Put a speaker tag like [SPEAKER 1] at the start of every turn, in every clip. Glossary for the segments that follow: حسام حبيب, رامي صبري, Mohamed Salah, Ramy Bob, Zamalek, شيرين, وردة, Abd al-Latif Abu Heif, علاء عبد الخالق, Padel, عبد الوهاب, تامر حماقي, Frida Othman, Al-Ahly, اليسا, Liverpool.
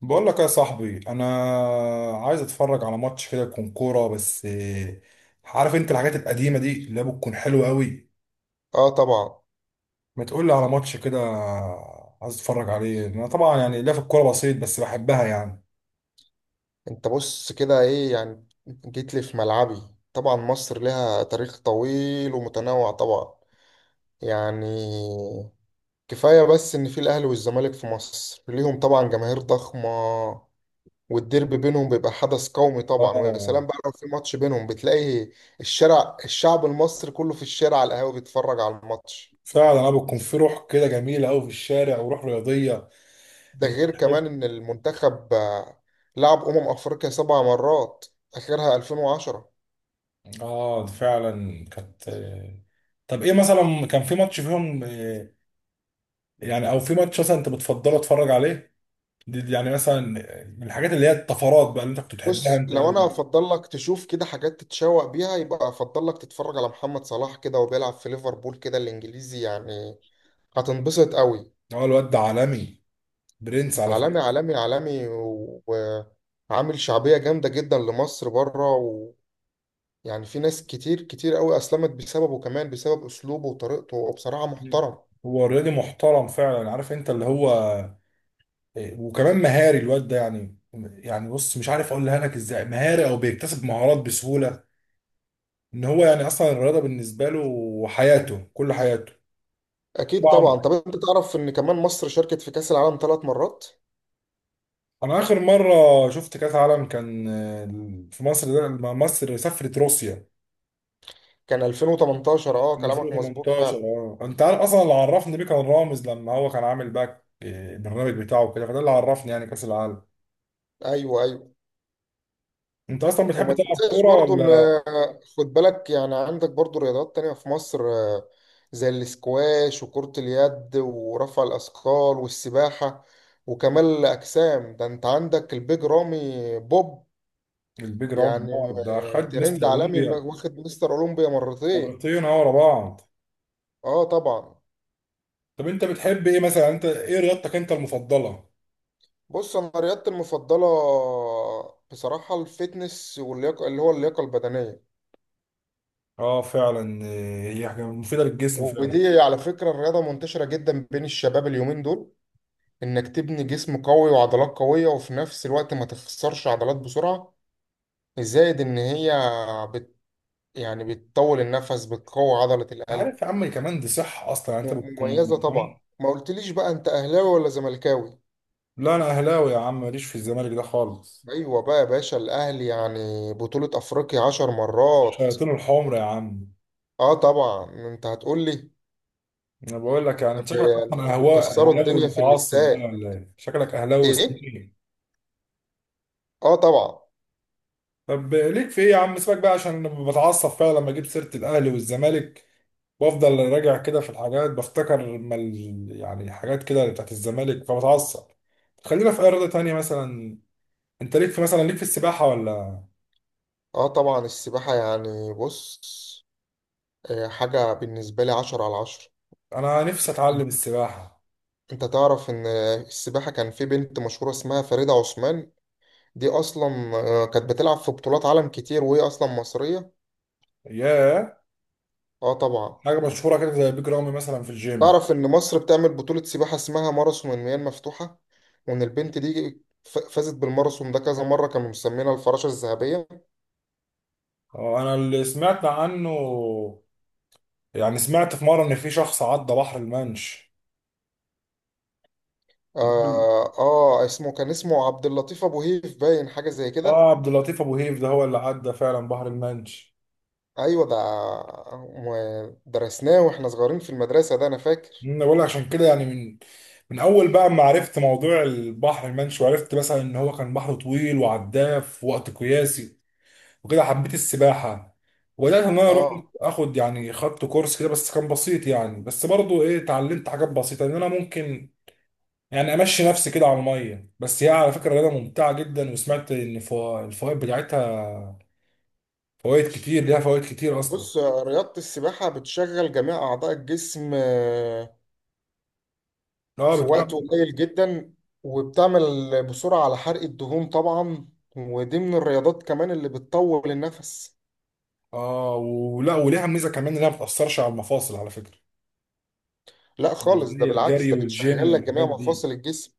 [SPEAKER 1] بقول لك يا صاحبي انا عايز اتفرج على ماتش كده يكون كوره بس عارف انت الحاجات القديمه دي اللي هي بتكون حلوه قوي.
[SPEAKER 2] اه طبعا.
[SPEAKER 1] ما تقول لي على ماتش كده عايز اتفرج عليه انا طبعا، يعني لا في الكوره بسيط بس بحبها يعني.
[SPEAKER 2] انت بص كده، ايه يعني جيت لي في ملعبي؟ طبعا مصر لها تاريخ طويل ومتنوع، طبعا يعني كفاية بس ان في الاهلي والزمالك في مصر ليهم طبعا جماهير ضخمة، والديربي بينهم بيبقى حدث قومي طبعا. ويا
[SPEAKER 1] اه
[SPEAKER 2] سلام بقى لو في ماتش بينهم بتلاقي الشارع، الشعب المصري كله في الشارع على القهاوي بيتفرج على الماتش.
[SPEAKER 1] فعلا، انا بتكون في روح كده جميله قوي في الشارع وروح رياضيه.
[SPEAKER 2] ده
[SPEAKER 1] انت
[SPEAKER 2] غير
[SPEAKER 1] تحب.
[SPEAKER 2] كمان ان المنتخب لعب افريقيا 7 مرات، اخرها 2010.
[SPEAKER 1] اه فعلا كانت طب ايه مثلا كان في ماتش فيهم؟ يعني او في ماتش مثلا انت بتفضله اتفرج عليه؟ دي يعني مثلا من الحاجات اللي هي الطفرات بقى اللي انت كنت بتحبها
[SPEAKER 2] بص،
[SPEAKER 1] انت
[SPEAKER 2] لو انا
[SPEAKER 1] قوي.
[SPEAKER 2] افضل لك تشوف كده حاجات تتشوق بيها، يبقى افضل لك تتفرج على محمد صلاح كده، وبيلعب في ليفربول كده الانجليزي يعني. هتنبسط قوي.
[SPEAKER 1] هو الواد ده عالمي، برنس على فكره.
[SPEAKER 2] عالمي عالمي عالمي، وعامل شعبية جامدة جدا لمصر بره، ويعني في ناس كتير كتير قوي اسلمت بسببه، كمان بسبب اسلوبه وطريقته، وبصراحة
[SPEAKER 1] مم.
[SPEAKER 2] محترم.
[SPEAKER 1] هو رياضي محترم فعلا، عارف انت اللي هو وكمان مهاري الواد ده يعني. يعني بص، مش عارف اقولها لك ازاي، مهاري او بيكتسب مهارات بسهوله. ان هو يعني اصلا الرياضه بالنسبه له حياته، كل حياته.
[SPEAKER 2] اكيد طبعا.
[SPEAKER 1] طبعا.
[SPEAKER 2] طب انت تعرف ان كمان مصر شاركت في كأس العالم 3 مرات؟
[SPEAKER 1] انا اخر مره شفت كاس عالم كان في مصر، ده لما مصر سافرت روسيا.
[SPEAKER 2] كان 2018، اه
[SPEAKER 1] من
[SPEAKER 2] كلامك مظبوط
[SPEAKER 1] 2018،
[SPEAKER 2] فعلا.
[SPEAKER 1] اه انت عارف اصلا اللي عرفني بيه كان رامز، لما هو كان عامل باك البرنامج بتاعه كده، فده اللي عرفني يعني كاس العالم.
[SPEAKER 2] ايوه ايوه.
[SPEAKER 1] انت اصلا بتحب
[SPEAKER 2] وما
[SPEAKER 1] تلعب
[SPEAKER 2] تنساش
[SPEAKER 1] كوره
[SPEAKER 2] برضو ان
[SPEAKER 1] ولا؟
[SPEAKER 2] خد بالك، يعني عندك برضو رياضات تانية في مصر زي الاسكواش وكرة اليد ورفع الأثقال والسباحة وكمال الأجسام. ده انت عندك البيج رامي بوب،
[SPEAKER 1] البيج راوند
[SPEAKER 2] يعني
[SPEAKER 1] ده خد مستر
[SPEAKER 2] ترند عالمي،
[SPEAKER 1] اولمبيا
[SPEAKER 2] واخد مستر أولمبيا مرتين.
[SPEAKER 1] مرتين. اه ورا بعض.
[SPEAKER 2] اه طبعا.
[SPEAKER 1] طب انت بتحب ايه مثلا؟ انت ايه رياضتك انت المفضله؟
[SPEAKER 2] بص انا رياضتي المفضلة بصراحة الفتنس واللياقة، اللي هو اللياقة البدنية.
[SPEAKER 1] اه فعلا، هي حاجه مفيده للجسم فعلا.
[SPEAKER 2] ودي على فكرة الرياضة منتشرة جدا بين الشباب اليومين دول، انك تبني جسم قوي وعضلات قوية وفي نفس الوقت ما تخسرش عضلات بسرعة. زائد ان هي بت يعني بتطول النفس، بتقوي عضلة
[SPEAKER 1] انت
[SPEAKER 2] القلب.
[SPEAKER 1] عارف يا عم، كمان دي صحه اصلا يعني انت
[SPEAKER 2] م- مميزة
[SPEAKER 1] بتكون.
[SPEAKER 2] طبعا. ما قلتليش بقى انت اهلاوي ولا زملكاوي؟
[SPEAKER 1] لا انا اهلاوي يا عم، ماليش في الزمالك ده خالص.
[SPEAKER 2] ايوه بقى يا باشا، الاهلي يعني بطولة افريقيا 10 مرات.
[SPEAKER 1] الشياطين الحمر يا عم.
[SPEAKER 2] اه طبعا انت هتقولي،
[SPEAKER 1] انا بقول لك، يعني
[SPEAKER 2] طب
[SPEAKER 1] انت شكلك اصلا
[SPEAKER 2] انتوا
[SPEAKER 1] اهواء
[SPEAKER 2] بتكسروا
[SPEAKER 1] اهلاوي
[SPEAKER 2] الدنيا في
[SPEAKER 1] متعصب بقى
[SPEAKER 2] الاستاد.
[SPEAKER 1] ولا ايه؟ شكلك اهلاوي
[SPEAKER 2] ايه.
[SPEAKER 1] سنين.
[SPEAKER 2] اه طبعا.
[SPEAKER 1] طب ليك في ايه يا عم؟ سيبك بقى، عشان بتعصب فعلا لما اجيب سيره الاهلي والزمالك، وافضل راجع كده في الحاجات بفتكر لما يعني حاجات كده بتاعت الزمالك فبتعصب. خلينا في اي رياضه تانيه مثلا. انت ليك في مثلا، ليك في السباحه ولا؟
[SPEAKER 2] اه طبعا، السباحة يعني، بص حاجة بالنسبة لي 10/10.
[SPEAKER 1] انا نفسي اتعلم السباحه.
[SPEAKER 2] انت تعرف ان السباحة كان في بنت مشهورة اسمها فريدة عثمان، دي اصلا كانت بتلعب في بطولات عالم كتير وهي اصلا مصرية.
[SPEAKER 1] ياه،
[SPEAKER 2] اه طبعا.
[SPEAKER 1] حاجه مشهوره كده زي بيج رامي مثلا في الجيم.
[SPEAKER 2] تعرف ان مصر بتعمل بطولة سباحة اسمها ماراثون المياه المفتوحة، وان البنت دي فازت بالماراثون ده كذا مرة، كانوا مسمينها الفراشة الذهبية.
[SPEAKER 1] اه انا اللي سمعت عنه، يعني سمعت في مرة إن في شخص عدى بحر المنش.
[SPEAKER 2] اه اسمه، كان اسمه عبد اللطيف ابو هيف، باين حاجة زي كده.
[SPEAKER 1] اه، عبد اللطيف أبو هيف ده هو اللي عدى فعلا بحر المنش.
[SPEAKER 2] ايوه ده درسناه واحنا صغيرين في المدرسة، ده انا فاكر.
[SPEAKER 1] أنا بقول لك عشان كده، يعني من من أول بقى ما عرفت موضوع البحر المنش، وعرفت مثلا إن هو كان بحر طويل وعداه في وقت قياسي، وكده حبيت السباحة، وبدأت إن أنا أروح
[SPEAKER 2] اه.
[SPEAKER 1] آخد، يعني خدت كورس كده بس كان بسيط يعني. بس برضه إيه، اتعلمت حاجات بسيطة إن أنا ممكن يعني امشي نفسي كده على الميه. بس هي على فكره رياضه ممتعه جدا، وسمعت ان الفوائد بتاعتها فوائد كتير، ليها فوائد كتير اصلا.
[SPEAKER 2] بص رياضة السباحة بتشغل جميع أعضاء الجسم
[SPEAKER 1] اه
[SPEAKER 2] في وقت
[SPEAKER 1] بتعمل.
[SPEAKER 2] قليل جدا، وبتعمل بسرعة على حرق الدهون طبعا. ودي من الرياضات كمان اللي بتطول النفس.
[SPEAKER 1] اه، ولا وليها ميزه كمان انها ما بتاثرش على المفاصل على فكره،
[SPEAKER 2] لا خالص، ده
[SPEAKER 1] زي
[SPEAKER 2] بالعكس،
[SPEAKER 1] الجري
[SPEAKER 2] ده
[SPEAKER 1] والجيم
[SPEAKER 2] بتشغل لك جميع
[SPEAKER 1] والحاجات دي.
[SPEAKER 2] مفاصل الجسم.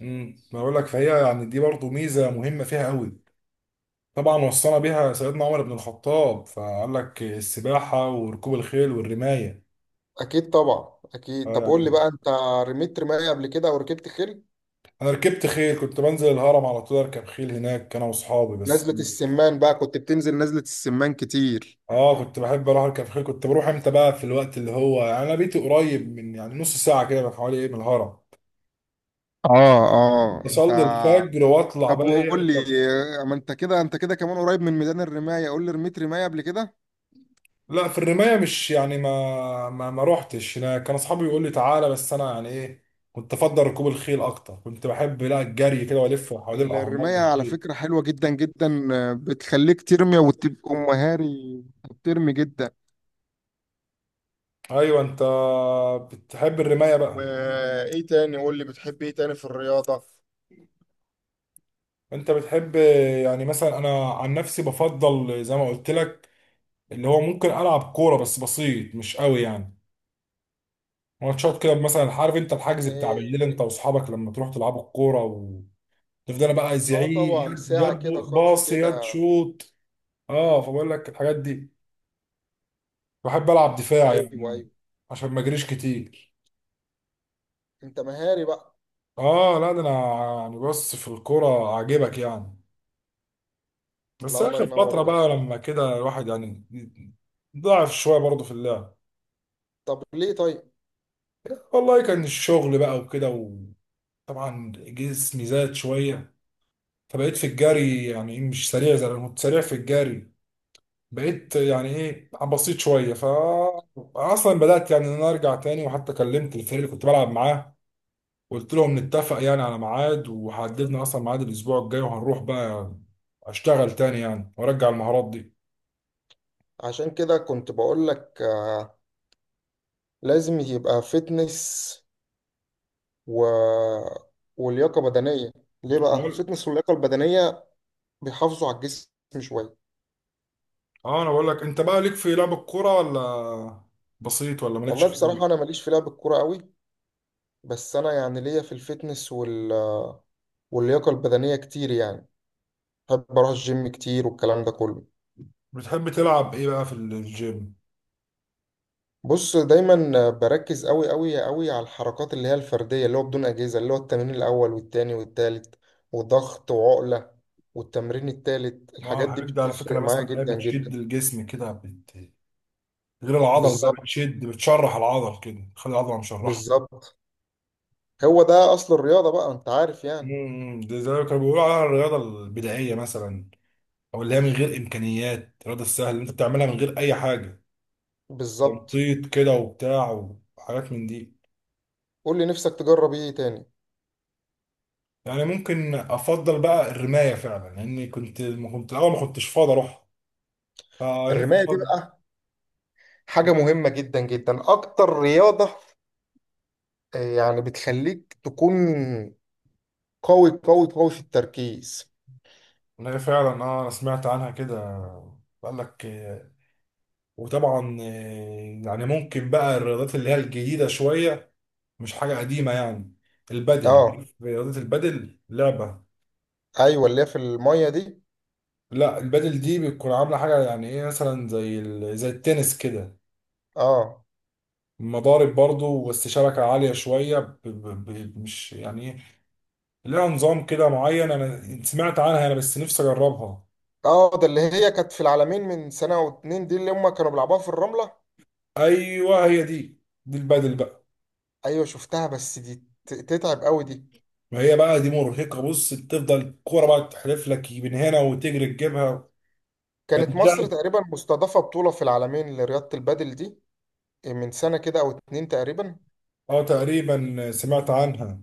[SPEAKER 1] ما بقول لك، فهي يعني دي برضو ميزه مهمه فيها قوي. طبعا وصانا بيها سيدنا عمر بن الخطاب فقال لك السباحه وركوب الخيل والرمايه.
[SPEAKER 2] أكيد طبعا أكيد.
[SPEAKER 1] آه
[SPEAKER 2] طب قول لي
[SPEAKER 1] يعني.
[SPEAKER 2] بقى، أنت رميت رماية قبل كده أو ركبت خيل؟
[SPEAKER 1] انا ركبت خيل، كنت بنزل الهرم على طول اركب خيل هناك انا واصحابي بس.
[SPEAKER 2] نزلة السمان بقى، كنت بتنزل نزلة السمان كتير.
[SPEAKER 1] اه كنت بحب اروح اركب خيل، كنت بروح امتى بقى في الوقت اللي هو، يعني انا بيتي قريب من، يعني نص ساعه كده حوالي ايه من الهرم.
[SPEAKER 2] اه. اه انت.
[SPEAKER 1] اصلي الفجر واطلع
[SPEAKER 2] طب
[SPEAKER 1] بقى ايه
[SPEAKER 2] وقول لي
[SPEAKER 1] اركب.
[SPEAKER 2] ما انت كده، انت كده كمان قريب من ميدان الرماية، قول لي رميت رماية قبل كده؟
[SPEAKER 1] لا في الرمايه مش يعني ما روحتش انا، كان اصحابي يقول لي تعالى بس انا يعني ايه. كنت افضل ركوب الخيل اكتر، كنت بحب لا الجري كده والف حوالين الاهرامات
[SPEAKER 2] الرماية على
[SPEAKER 1] بالخيل.
[SPEAKER 2] فكرة حلوة جدا جدا، بتخليك ترمي وتبقى مهاري، بترمي جدا.
[SPEAKER 1] ايوه انت بتحب الرمايه بقى؟
[SPEAKER 2] وايه تاني؟ قول لي بتحب ايه تاني في الرياضة؟
[SPEAKER 1] انت بتحب يعني مثلا؟ انا عن نفسي بفضل زي ما قلت لك، اللي هو ممكن العب كوره بس بسيط مش قوي يعني. ماتشات كده مثلا، عارف انت الحجز بتاع
[SPEAKER 2] ايه.
[SPEAKER 1] بالليل انت واصحابك لما تروح تلعبوا الكوره، تفضل بقى عايز
[SPEAKER 2] اه
[SPEAKER 1] يعيد
[SPEAKER 2] طبعا،
[SPEAKER 1] يد
[SPEAKER 2] ساعة
[SPEAKER 1] يد
[SPEAKER 2] كده، خطف
[SPEAKER 1] باص يد
[SPEAKER 2] كده.
[SPEAKER 1] شوط. اه فبقول لك الحاجات دي، بحب العب دفاع
[SPEAKER 2] ايوه
[SPEAKER 1] يعني
[SPEAKER 2] ايوه.
[SPEAKER 1] عشان ما اجريش كتير.
[SPEAKER 2] انت مهاري بقى.
[SPEAKER 1] اه لا ده انا يعني. بص في الكوره عاجبك يعني،
[SPEAKER 2] لا
[SPEAKER 1] بس
[SPEAKER 2] الله
[SPEAKER 1] اخر
[SPEAKER 2] ينور يا
[SPEAKER 1] فتره بقى
[SPEAKER 2] باشا.
[SPEAKER 1] لما كده الواحد يعني ضعف شويه برضه في اللعب.
[SPEAKER 2] طب ليه طيب؟
[SPEAKER 1] والله كان الشغل بقى وكده، وطبعا جسمي زاد شويه، فبقيت في الجري يعني مش سريع زي انا كنت سريع في الجري. بقيت يعني ايه بسيط شويه ف اصلا بدات يعني ان انا ارجع تاني، وحتى كلمت الفريق اللي كنت بلعب معاه، قلت لهم نتفق يعني على ميعاد، وحددنا اصلا ميعاد الاسبوع الجاي وهنروح بقى اشتغل تاني يعني وارجع المهارات دي.
[SPEAKER 2] عشان كده كنت بقول لك لازم يبقى فتنس و... ولياقة بدنية. ليه بقى؟
[SPEAKER 1] بقول.
[SPEAKER 2] الفتنس واللياقة البدنية بيحافظوا على الجسم شوية.
[SPEAKER 1] اه انا بقول لك، انت بقى ليك في لعب الكوره ولا بسيط ولا مالكش
[SPEAKER 2] والله بصراحة أنا
[SPEAKER 1] فيه؟
[SPEAKER 2] ماليش في لعب الكورة قوي، بس أنا يعني ليا في الفتنس وال... واللياقة البدنية كتير يعني، بحب أروح الجيم كتير والكلام ده كله.
[SPEAKER 1] بتحب تلعب ايه بقى في الجيم؟
[SPEAKER 2] بص دايما بركز قوي قوي قوي على الحركات اللي هي الفردية، اللي هو بدون أجهزة، اللي هو التمرين الأول والتاني والتالت وضغط وعقلة، والتمرين التالت،
[SPEAKER 1] اه
[SPEAKER 2] الحاجات دي
[SPEAKER 1] الحاجات دي على فكره انا
[SPEAKER 2] بتفرق معايا
[SPEAKER 1] بسمع انها
[SPEAKER 2] جدا جدا.
[SPEAKER 1] بتشد الجسم كده، بت، غير العضل بقى
[SPEAKER 2] بالظبط
[SPEAKER 1] بتشد، بتشرح العضل كده، تخلي العضله مشرحه.
[SPEAKER 2] بالظبط، هو ده اصل الرياضه بقى، انت عارف يعني.
[SPEAKER 1] ده زي ما كانوا بيقولوا عليها الرياضه البدائيه مثلا، او اللي هي من غير امكانيات، الرياضه السهله اللي انت بتعملها من غير اي حاجه،
[SPEAKER 2] بالظبط.
[SPEAKER 1] تنطيط كده وبتاع وحاجات من دي.
[SPEAKER 2] قول لي نفسك تجرب ايه تاني؟
[SPEAKER 1] يعني ممكن افضل بقى الرمايه فعلا، لاني كنت ما كنت الاول، ما كنتش فاضي اروح، فنفسي
[SPEAKER 2] الرمايه دي
[SPEAKER 1] افضل.
[SPEAKER 2] بقى حاجه مهمه جدا جدا، اكتر رياضه يعني بتخليك تكون قوي قوي قوي في التركيز.
[SPEAKER 1] إن هي فعلا، اه انا سمعت عنها كده، قال لك وطبعا يعني ممكن بقى الرياضات اللي هي الجديده شويه مش حاجه قديمه يعني، البدل،
[SPEAKER 2] اه.
[SPEAKER 1] رياضه البدل لعبه.
[SPEAKER 2] ايوه اللي هي في الميه دي.
[SPEAKER 1] لا البادل دي بتكون عاملة حاجة يعني ايه مثلا، زي ال، زي التنس كده،
[SPEAKER 2] اه.
[SPEAKER 1] مضارب برضو بس شبكة عالية شوية، مش يعني ايه، لها نظام كده معين انا سمعت عنها انا، بس نفسي اجربها.
[SPEAKER 2] اه ده اللي هي كانت في العالمين من سنه او اتنين دي، اللي هم كانوا بيلعبوها في الرمله.
[SPEAKER 1] ايوه هي دي، دي البادل بقى.
[SPEAKER 2] ايوه شفتها، بس دي تتعب قوي دي.
[SPEAKER 1] ما هي بقى دي مرهقة، بص بتفضل الكورة بقى تحلف لك من هنا وتجري تجيبها.
[SPEAKER 2] كانت مصر
[SPEAKER 1] هتتلعب.
[SPEAKER 2] تقريبا مستضافه بطوله في العالمين لرياضه البادل دي من سنه كده او اتنين تقريبا.
[SPEAKER 1] اه تقريبا سمعت عنها.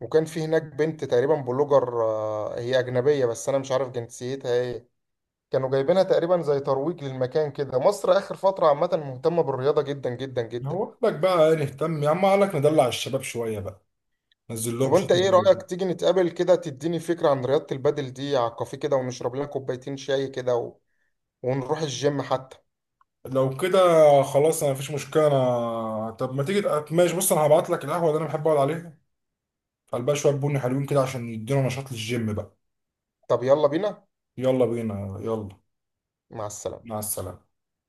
[SPEAKER 2] وكان في هناك بنت تقريبا بلوجر، هي أجنبية بس أنا مش عارف جنسيتها إيه. كانوا جايبينها تقريبا زي ترويج للمكان كده، مصر آخر فترة عامة مهتمة بالرياضة جدا جدا جدا.
[SPEAKER 1] هو قال لك بقى نهتم يا عم، قال لك ندلع الشباب شوية بقى، نزل
[SPEAKER 2] طب
[SPEAKER 1] لهم شوية.
[SPEAKER 2] وأنت إيه رأيك تيجي نتقابل كده، تديني فكرة عن رياضة البادل دي على الكافيه كده، ونشرب لنا كوبايتين شاي كده و... ونروح الجيم حتى.
[SPEAKER 1] لو كده خلاص انا مفيش مشكله انا. طب ما تيجي ماشي، بص انا هبعت لك القهوه اللي انا بحب اقعد عليها، قلبها شويه بني حلوين كده عشان يدينا نشاط للجيم بقى.
[SPEAKER 2] طب يلا بينا.
[SPEAKER 1] يلا بينا يلا.
[SPEAKER 2] مع السلامة.
[SPEAKER 1] مع السلامه.